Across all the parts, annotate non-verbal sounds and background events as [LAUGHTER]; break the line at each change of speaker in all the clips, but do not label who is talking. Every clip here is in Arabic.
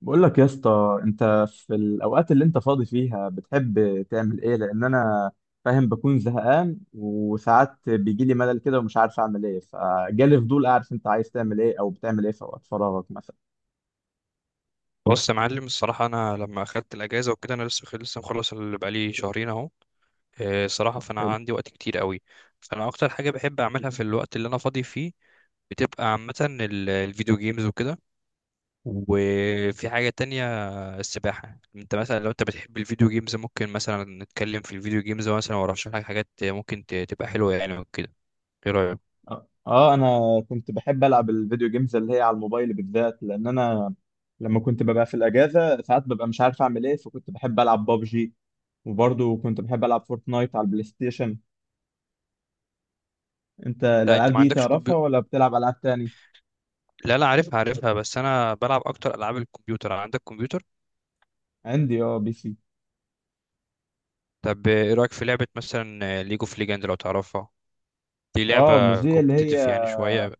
بقول لك يا اسطى، انت في الاوقات اللي انت فاضي فيها بتحب تعمل ايه؟ لان انا فاهم بكون زهقان، وساعات بيجي لي ملل كده ومش عارف اعمل ايه، فجالي فضول اعرف انت عايز تعمل ايه او بتعمل ايه في اوقات فراغك مثلا.
بص يا معلم، الصراحة أنا لما أخدت الأجازة وكده أنا لسه مخلص اللي بقالي شهرين أهو. الصراحة
طب
فأنا
حلو.
عندي وقت كتير قوي. فأنا أكتر حاجة بحب أعملها في الوقت اللي أنا فاضي فيه بتبقى عامة الفيديو جيمز وكده، وفي حاجة تانية السباحة. أنت مثلا لو أنت بتحب الفيديو جيمز ممكن مثلا نتكلم في الفيديو جيمز مثلا، وأرشح لك حاجات ممكن تبقى حلوة يعني وكده. إيه رأيك؟
اه. انا كنت بحب العب الفيديو جيمز اللي هي على الموبايل بالذات، لان انا لما كنت ببقى في الاجازه ساعات ببقى مش عارف اعمل ايه، فكنت بحب العب بابجي. وبرضه كنت بحب العب فورتنايت على البلاي ستيشن. انت
أنت
الالعاب
ما
دي
عندكش
تعرفها
كمبيوتر؟
ولا بتلعب العاب تاني؟
لا لا، عارفها عارفها، بس أنا بلعب أكتر ألعاب الكمبيوتر. عندك كمبيوتر؟
عندي بي سي.
طب ايه رأيك في لعبة مثلا ليج اوف ليجند لو تعرفها؟ دي
اه، مش
لعبة
دي اللي هي
كومبتيتيف يعني شوية.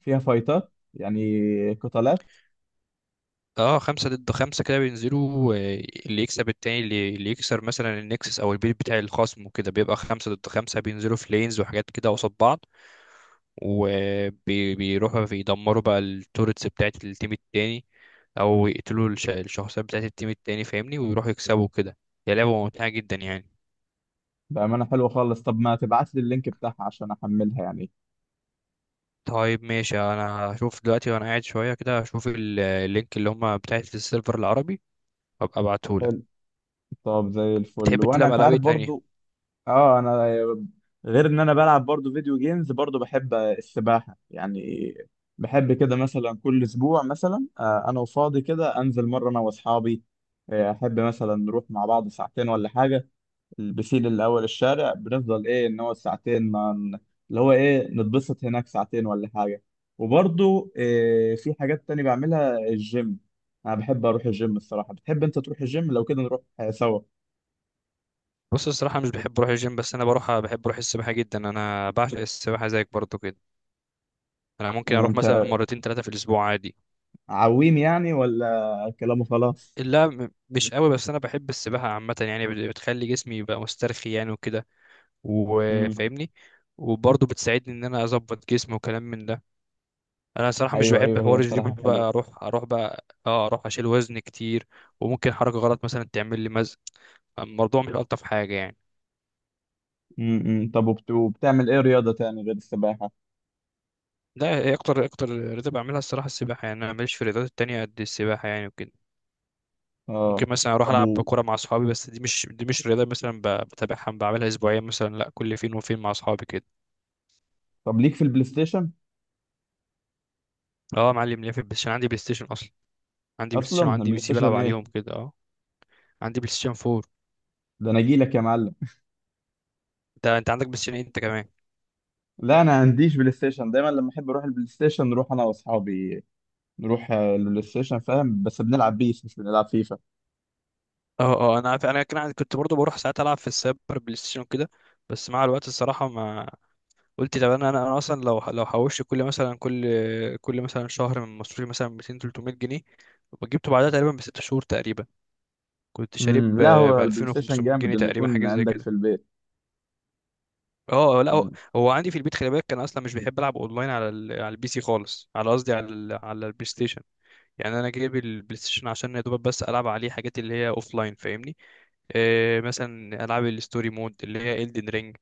فيها فايتات يعني قتالات؟
اه، خمسة ضد خمسة كده بينزلوا، اللي يكسب التاني اللي يكسر مثلا النكسس او البيت بتاع الخصم وكده، بيبقى خمسة ضد خمسة بينزلوا في لينز وحاجات كده قصاد بعض، وبيروحوا بيدمروا بقى التورتس بتاعت التيم التاني، او يقتلوا الشخصيات بتاعت التيم التاني، فاهمني، ويروحوا يكسبوا كده. هي لعبة ممتعة جدا يعني.
بأمانة حلوة خالص. طب ما تبعت لي اللينك بتاعها عشان أحملها يعني.
طيب ماشي، انا هشوف دلوقتي وانا قاعد شويه كده هشوف اللينك اللي هم بتاعت السيرفر العربي وابقى ابعتهولك.
حلو. طب زي الفل.
بتحب
وأنا
تلعب
أنت
العاب ايه
عارف
تانية؟
برضو. اه. أنا غير إن أنا بلعب برضو فيديو جيمز، برضو بحب السباحة يعني. بحب كده مثلا كل أسبوع مثلا، أنا وفاضي كده أنزل مرة أنا وأصحابي. أحب مثلا نروح مع بعض ساعتين ولا حاجة. البسيل الاول الشارع بنفضل ايه ان هو ساعتين ما ن- اللي هو ايه، نتبسط هناك ساعتين ولا حاجه. وبرضو إيه، في حاجات تانية بعملها، الجيم. انا بحب اروح الجيم الصراحه. بتحب انت تروح الجيم؟ لو كده نروح سوا.
بص الصراحه مش بحب اروح الجيم، بس انا بروح بحب اروح السباحه جدا، انا بعشق السباحه زيك برضو كده. انا ممكن
إيه
اروح مثلا
انت،
مرتين ثلاثه في الاسبوع عادي.
عويم يعني ولا كلامه خلاص؟
لا مش قوي، بس انا بحب السباحه عامه يعني بتخلي جسمي يبقى مسترخي يعني وكده،
امم.
وفاهمني. وبرضه بتساعدني ان انا اظبط جسمي وكلام من ده. انا صراحه مش
ايوه،
بحب
ايوه، هي
حوار الجيم،
الصراحه
بقى
حلوه.
اروح اروح بقى اه اروح اشيل وزن كتير، وممكن حركه غلط مثلا تعمل لي مزق، الموضوع مش الطف حاجه يعني.
امم. طب وبتعمل ايه رياضه تاني غير السباحه؟
ده هي اكتر اكتر رياضه بعملها الصراحه السباحه، يعني انا ماليش في الرياضات التانية قد السباحه يعني وكده.
اه.
ممكن مثلا اروح
طب
العب
و...
كوره مع اصحابي، بس دي مش رياضه مثلا بتابعها بعملها اسبوعيا، مثلا لا كل فين وفين مع اصحابي كده.
طب ليك في البلاي ستيشن؟
اه يا معلم ليه، في البلاي ستيشن، عندي بلاي ستيشن اصلا. عندي بلاي
اصلا
ستيشن وعندي بي
البلاي
سي بلعب
ستيشن
عليهم
ايه؟
كده اه. عندي بلاي ستيشن 4.
ده انا اجي لك يا معلم.
انت عندك بلاي ستيشن إيه انت كمان؟
لا، انا عنديش بلاي ستيشن. دايما لما احب اروح البلاي ستيشن نروح انا واصحابي، نروح البلاي ستيشن فاهم، بس بنلعب بيس مش بنلعب فيفا.
اه اه، انا عارف، انا كان كنت برضه بروح ساعات العب في السايبر بلاي ستيشن وكده، بس مع الوقت الصراحه ما قلت طب انا انا أنا اصلا لو حوشت كل مثلا شهر من مصروفي مثلا 200 300 جنيه، وجبته بعدها تقريبا بست شهور تقريبا، كنت شارب
امم، لا
ب
هو البلاي ستيشن
2500
جامد
جنيه
انه
تقريبا،
يكون
حاجه زي
عندك في
كده.
البيت.
اه اه، لا هو
مم.
هو عندي في البيت خلي بالك، كان اصلا مش بيحب العب اونلاين على البي سي خالص، على قصدي على البلاي ستيشن. يعني انا جايب البلاي ستيشن عشان يا دوبك بس العب عليه حاجات اللي هي اوف لاين، فاهمني. إيه مثلا العاب الستوري مود اللي هي Elden Ring،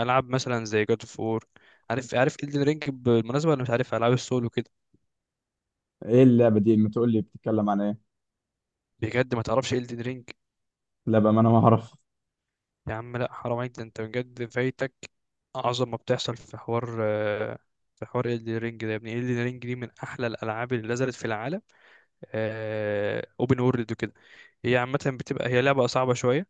العاب مثلا زي God of War. عارف عارف Elden Ring بالمناسبة ولا مش عارف؟ العاب السول وكده.
ايه اللعبه دي، ما تقول لي بتتكلم عن ايه؟
بجد ما تعرفش Elden Ring؟
لا بقى، ما انا ما اعرف.
يا عم لا، حرام عليك، ده انت بجد فايتك اعظم ما بتحصل في حوار، في حوار Elden Ring ده، يا ابني Elden Ring دي من احلى الالعاب اللي نزلت في العالم، اوبن وورلد وكده. هي عامة بتبقى هي لعبة صعبة شوية،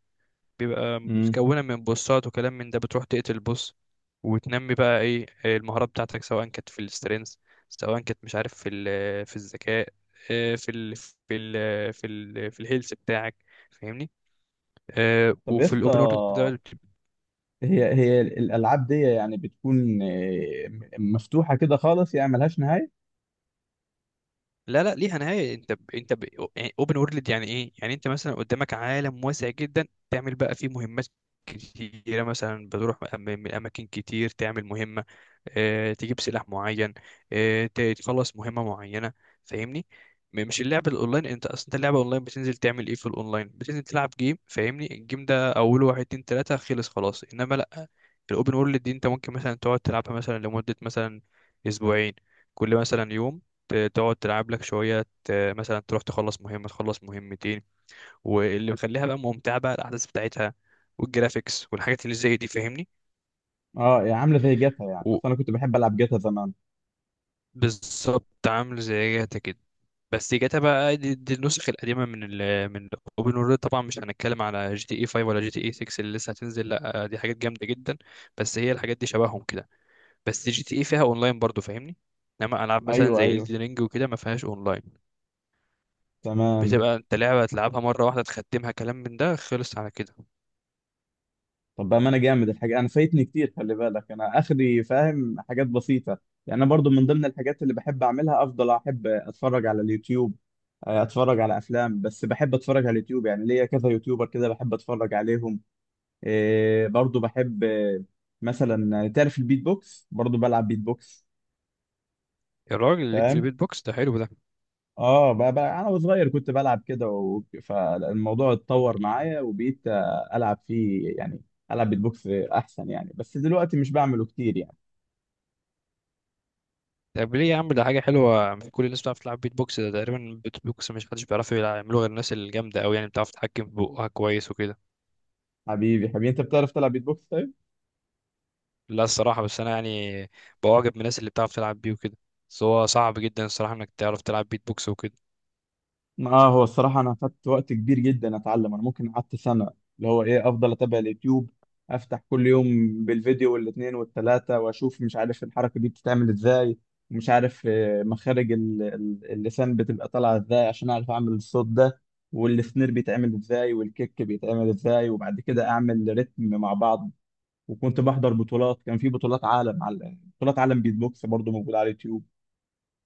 بيبقى
امم.
متكونة من بوسات وكلام من ده، بتروح تقتل بوس وتنمي بقى ايه المهارات بتاعتك، سواء كانت في السترينث، سواء كانت مش عارف في الذكاء، في الهيلث بتاعك، فاهمني.
طب يا
وفي
اسطى،
الاوبن وورلد ده
هي الالعاب دي يعني بتكون، مفتوحه كده خالص، يعني ملهاش نهايه؟
لا لا ليها نهايه، اوبن وورلد يعني ايه، يعني انت مثلا قدامك عالم واسع جدا تعمل بقى فيه مهمات كتيره، مثلا بتروح من اماكن كتير تعمل مهمه، تجيب سلاح معين، تخلص مهمة معينة، فاهمني. مش اللعب الاونلاين، انت اصلا انت اللعبة اونلاين بتنزل تعمل ايه في الاونلاين، بتنزل تلعب جيم، فاهمني، الجيم ده اوله واحد اتنين تلاتة خلص خلاص، انما لا، الاوبن وورلد دي انت ممكن مثلا تقعد تلعبها مثلا لمدة مثلا اسبوعين، كل مثلا يوم تقعد تلعب لك شوية مثلا تروح تخلص مهمة تخلص مهمتين. واللي مخليها بقى ممتعة بقى الأحداث بتاعتها والجرافيكس والحاجات اللي زي دي، فاهمني.
اه، يعني عامله زي جاتا يعني، اصل
و-
انا كنت بحب العب جاتا زمان.
بالظبط عامل زي جاتا كده، بس جاتا بقى دي النسخ القديمه من اوبن وورلد، طبعا مش هنتكلم على جي تي اي 5 ولا جي تي اي 6 اللي لسه هتنزل، لا دي حاجات جامده جدا، بس هي الحاجات دي شبههم كده، بس جي تي اي فيها اونلاين برضو، فاهمني، انما العاب مثلا
ايوه،
زي
ايوه،
Elden رينج وكده ما فيهاش اونلاين.
تمام.
بتبقى انت لعبه تلعبها مره واحده تختمها كلام من ده، خلص على كده.
طب بقى، ما انا جامد الحاجه، انا فايتني كتير. خلي بالك انا اخري فاهم حاجات بسيطه. يعني انا برضو من ضمن الحاجات اللي بحب اعملها، افضل احب اتفرج على اليوتيوب. اتفرج على افلام، بس بحب اتفرج على اليوتيوب. يعني ليا كذا يوتيوبر كده بحب اتفرج عليهم. إيه برضو بحب، مثلا تعرف البيت بوكس؟ برضو بلعب بيت بوكس.
يا راجل ليك في
فاهم.
البيت بوكس، ده حلو ده.
اه، بقى انا وصغير كنت بلعب كده فالموضوع اتطور معايا
[LAUGHS]
وبقيت العب فيه يعني. العب بيت بوكس احسن يعني، بس دلوقتي مش بعمله كتير يعني.
طب ليه يا عم، ده حاجه حلوه، مش كل الناس بتعرف تلعب بيت بوكس، ده تقريبا بيت بوكس مش حدش بيعرف يعمله غير الناس الجامده قوي، يعني بتعرف تتحكم في بقها كويس وكده.
حبيبي، حبيبي، انت بتعرف تلعب بيت بوكس طيب؟
لا الصراحة بس أنا يعني بواجب من الناس اللي بتعرف تلعب بيه وكده، بس هو صعب جدا الصراحة إنك تعرف تلعب بيت بوكس وكده.
اه، هو الصراحة انا خدت وقت كبير جدا اتعلم، انا ممكن قعدت سنة. اللي هو ايه، افضل اتابع اليوتيوب، افتح كل يوم بالفيديو والاتنين والتلاتة، واشوف مش عارف الحركة دي بتتعمل ازاي. ومش عارف مخارج اللسان بتبقى طالعة ازاي، عشان اعرف اعمل الصوت ده. والسنير بيتعمل ازاي والكيك بيتعمل ازاي، وبعد كده اعمل رتم مع بعض. وكنت بحضر بطولات، كان في بطولات عالم، على بطولات عالم بيت بوكس برضه موجودة على اليوتيوب.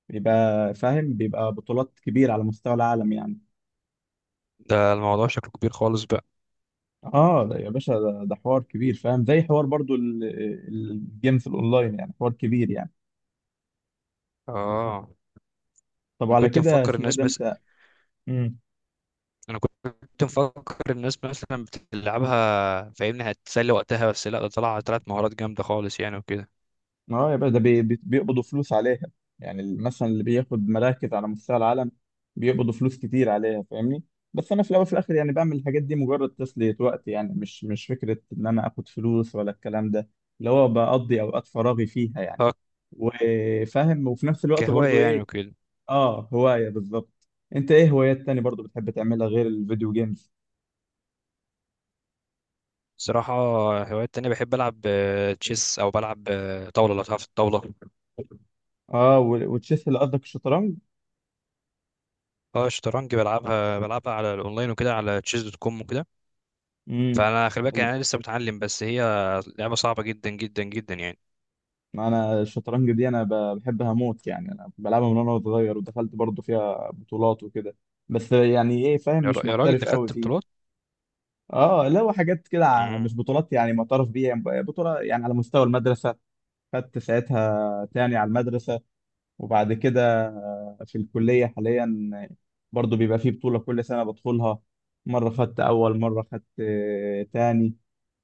بيبقى فاهم، بيبقى بطولات كبيرة على مستوى العالم يعني.
ده الموضوع شكله كبير خالص بقى.
اه ده يا باشا ده حوار كبير فاهم، زي حوار برضو الجيمز الاونلاين يعني، حوار كبير يعني.
آه.
طب
أنا
على
كنت
كده
مفكر
اسمه ايه
الناس
ده
مثلا
انت؟ امم.
أنا كنت مفكر الناس مثلا بتلعبها، فاهمني، هتسلي وقتها، بس لا ده طلع، طلعت مهارات جامدة خالص يعني وكده.
اه يا باشا، ده بيقبضوا فلوس عليها. يعني مثلا اللي بياخد مراكز على مستوى العالم، بيقبضوا فلوس كتير عليها فاهمني. بس انا في الاول وفي الاخر يعني بعمل الحاجات دي مجرد تسلية وقت، يعني مش فكرة ان انا اخد فلوس ولا الكلام ده. اللي هو بقضي اوقات فراغي فيها يعني.
آه،
وفاهم، وفي نفس الوقت برضو
كهواية يعني
ايه.
وكده.
اه، هواية بالظبط. انت ايه هوايات تاني برضو بتحب تعملها غير الفيديو جيمز؟
صراحة هوايات تانية، بحب ألعب، تشيس، أو بلعب، طاولة لو تعرف الطاولة.
اه، وتشيس اللي قصدك الشطرنج؟
اه الشطرنج، بلعبها على الأونلاين وكده على تشيز دوت كوم وكده.
امم.
فانا خلي بالك يعني انا لسه متعلم، بس هي لعبه صعبه جدا جدا جدا يعني.
ما انا الشطرنج دي انا بحبها موت يعني، انا بلعبها من وانا صغير، ودخلت برضو فيها بطولات وكده. بس يعني ايه فاهم، مش
يا راجل ده
محترف قوي
خدت بطولات؟
فيه. اه، لا هو حاجات كده،
مم.
مش بطولات يعني معترف بيها، يعني بطولة يعني على مستوى المدرسة. خدت ساعتها تاني على المدرسة. وبعد كده في الكلية حاليا، برضو بيبقى فيه بطولة كل سنة بدخلها. مرة خدت أول، مرة خدت تاني.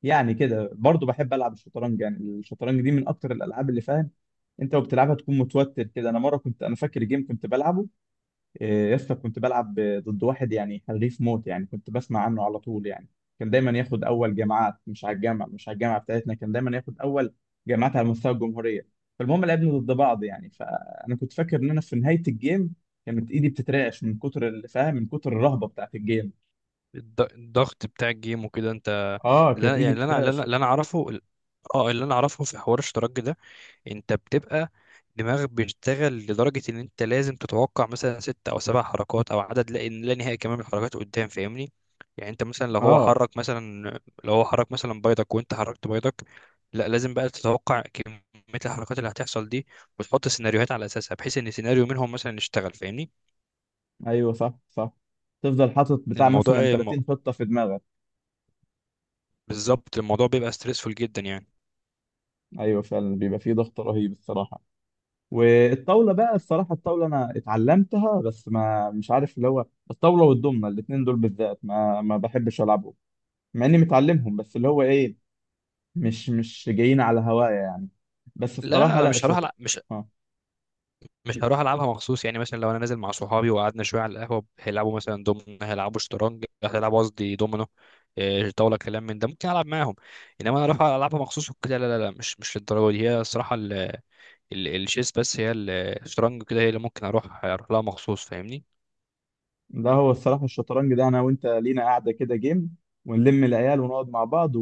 يعني كده برضو بحب ألعب الشطرنج، يعني الشطرنج دي من أكتر الألعاب اللي فاهم. أنت وبتلعبها تكون متوتر كده. أنا مرة كنت أنا فاكر جيم كنت بلعبه. إيه، يا اسطى، كنت بلعب ضد واحد يعني حريف موت يعني، كنت بسمع عنه على طول يعني. كان دايما ياخد اول جامعات، مش على الجامعه، مش على الجامعه بتاعتنا، كان دايما ياخد اول جامعات على مستوى الجمهوريه. فالمهم لعبنا ضد بعض يعني، فانا كنت فاكر ان انا في نهايه الجيم. كانت ايدي بتترعش من كتر اللي فاهم، من كتر الرهبه بتاعت الجيم.
الضغط بتاع الجيم وكده انت.
اه، كانت
لا
ايدي
يعني اللي انا اللي انا
بتترعش.
اللي أنا اعرفه، اه اللي انا اعرفه في حوار الشطرنج ده، انت بتبقى دماغك بيشتغل لدرجة ان انت لازم تتوقع مثلا ست او سبع حركات او عدد لا نهائي كمان من الحركات قدام، فاهمني. يعني انت مثلا لو هو
اه
حرك مثلا لو هو حرك مثلا بيضك وانت حركت بيضك، لا لازم بقى تتوقع كمية الحركات اللي هتحصل دي، وتحط سيناريوهات على اساسها بحيث ان سيناريو منهم مثلا يشتغل، فاهمني.
ايوه، صح، صح. تفضل حاطط بتاع
الموضوع
مثلا
م-
30 خطه في دماغك.
بالظبط، الموضوع بيبقى ستريسفول جدا يعني.
ايوه، فعلا بيبقى فيه ضغط رهيب الصراحه. والطاوله بقى الصراحه، الطاوله انا اتعلمتها، بس ما مش عارف اللي هو. الطاوله والضمنه الاثنين دول بالذات ما ما بحبش العبهم. مع اني متعلمهم، بس اللي هو ايه، مش جايين على هوايا يعني. بس
لا
الصراحه،
انا
لا،
مش هروح ألع- مش
اه،
مش هروح العبها مخصوص يعني، مثلا لو انا نازل مع صحابي وقعدنا شويه على القهوه هيلعبوا مثلا دومنا هيلعبوا شطرنج هيلعبوا قصدي دومينو، إيه، طاوله كلام من ده ممكن العب معاهم، انما انا اروح العبها مخصوص وكده لا لا لا، مش للدرجه دي. هي الصراحه الشيس، بس هي الشطرنج كده هي اللي ممكن اروح لها مخصوص، فاهمني.
ده هو الصراحه الشطرنج ده انا وانت لينا قاعده كده جيم. ونلم العيال ونقعد مع بعض،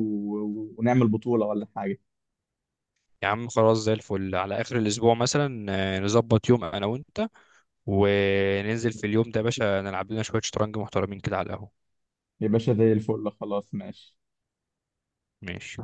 ونعمل بطوله ولا حاجه.
يا عم خلاص زي الفل، على اخر الاسبوع مثلا، نظبط يوم انا وانت وننزل في اليوم ده يا باشا، نلعب لنا شويه شطرنج محترمين كده على القهوه.
يا باشا زي الفل، خلاص، ماشي.
ماشي.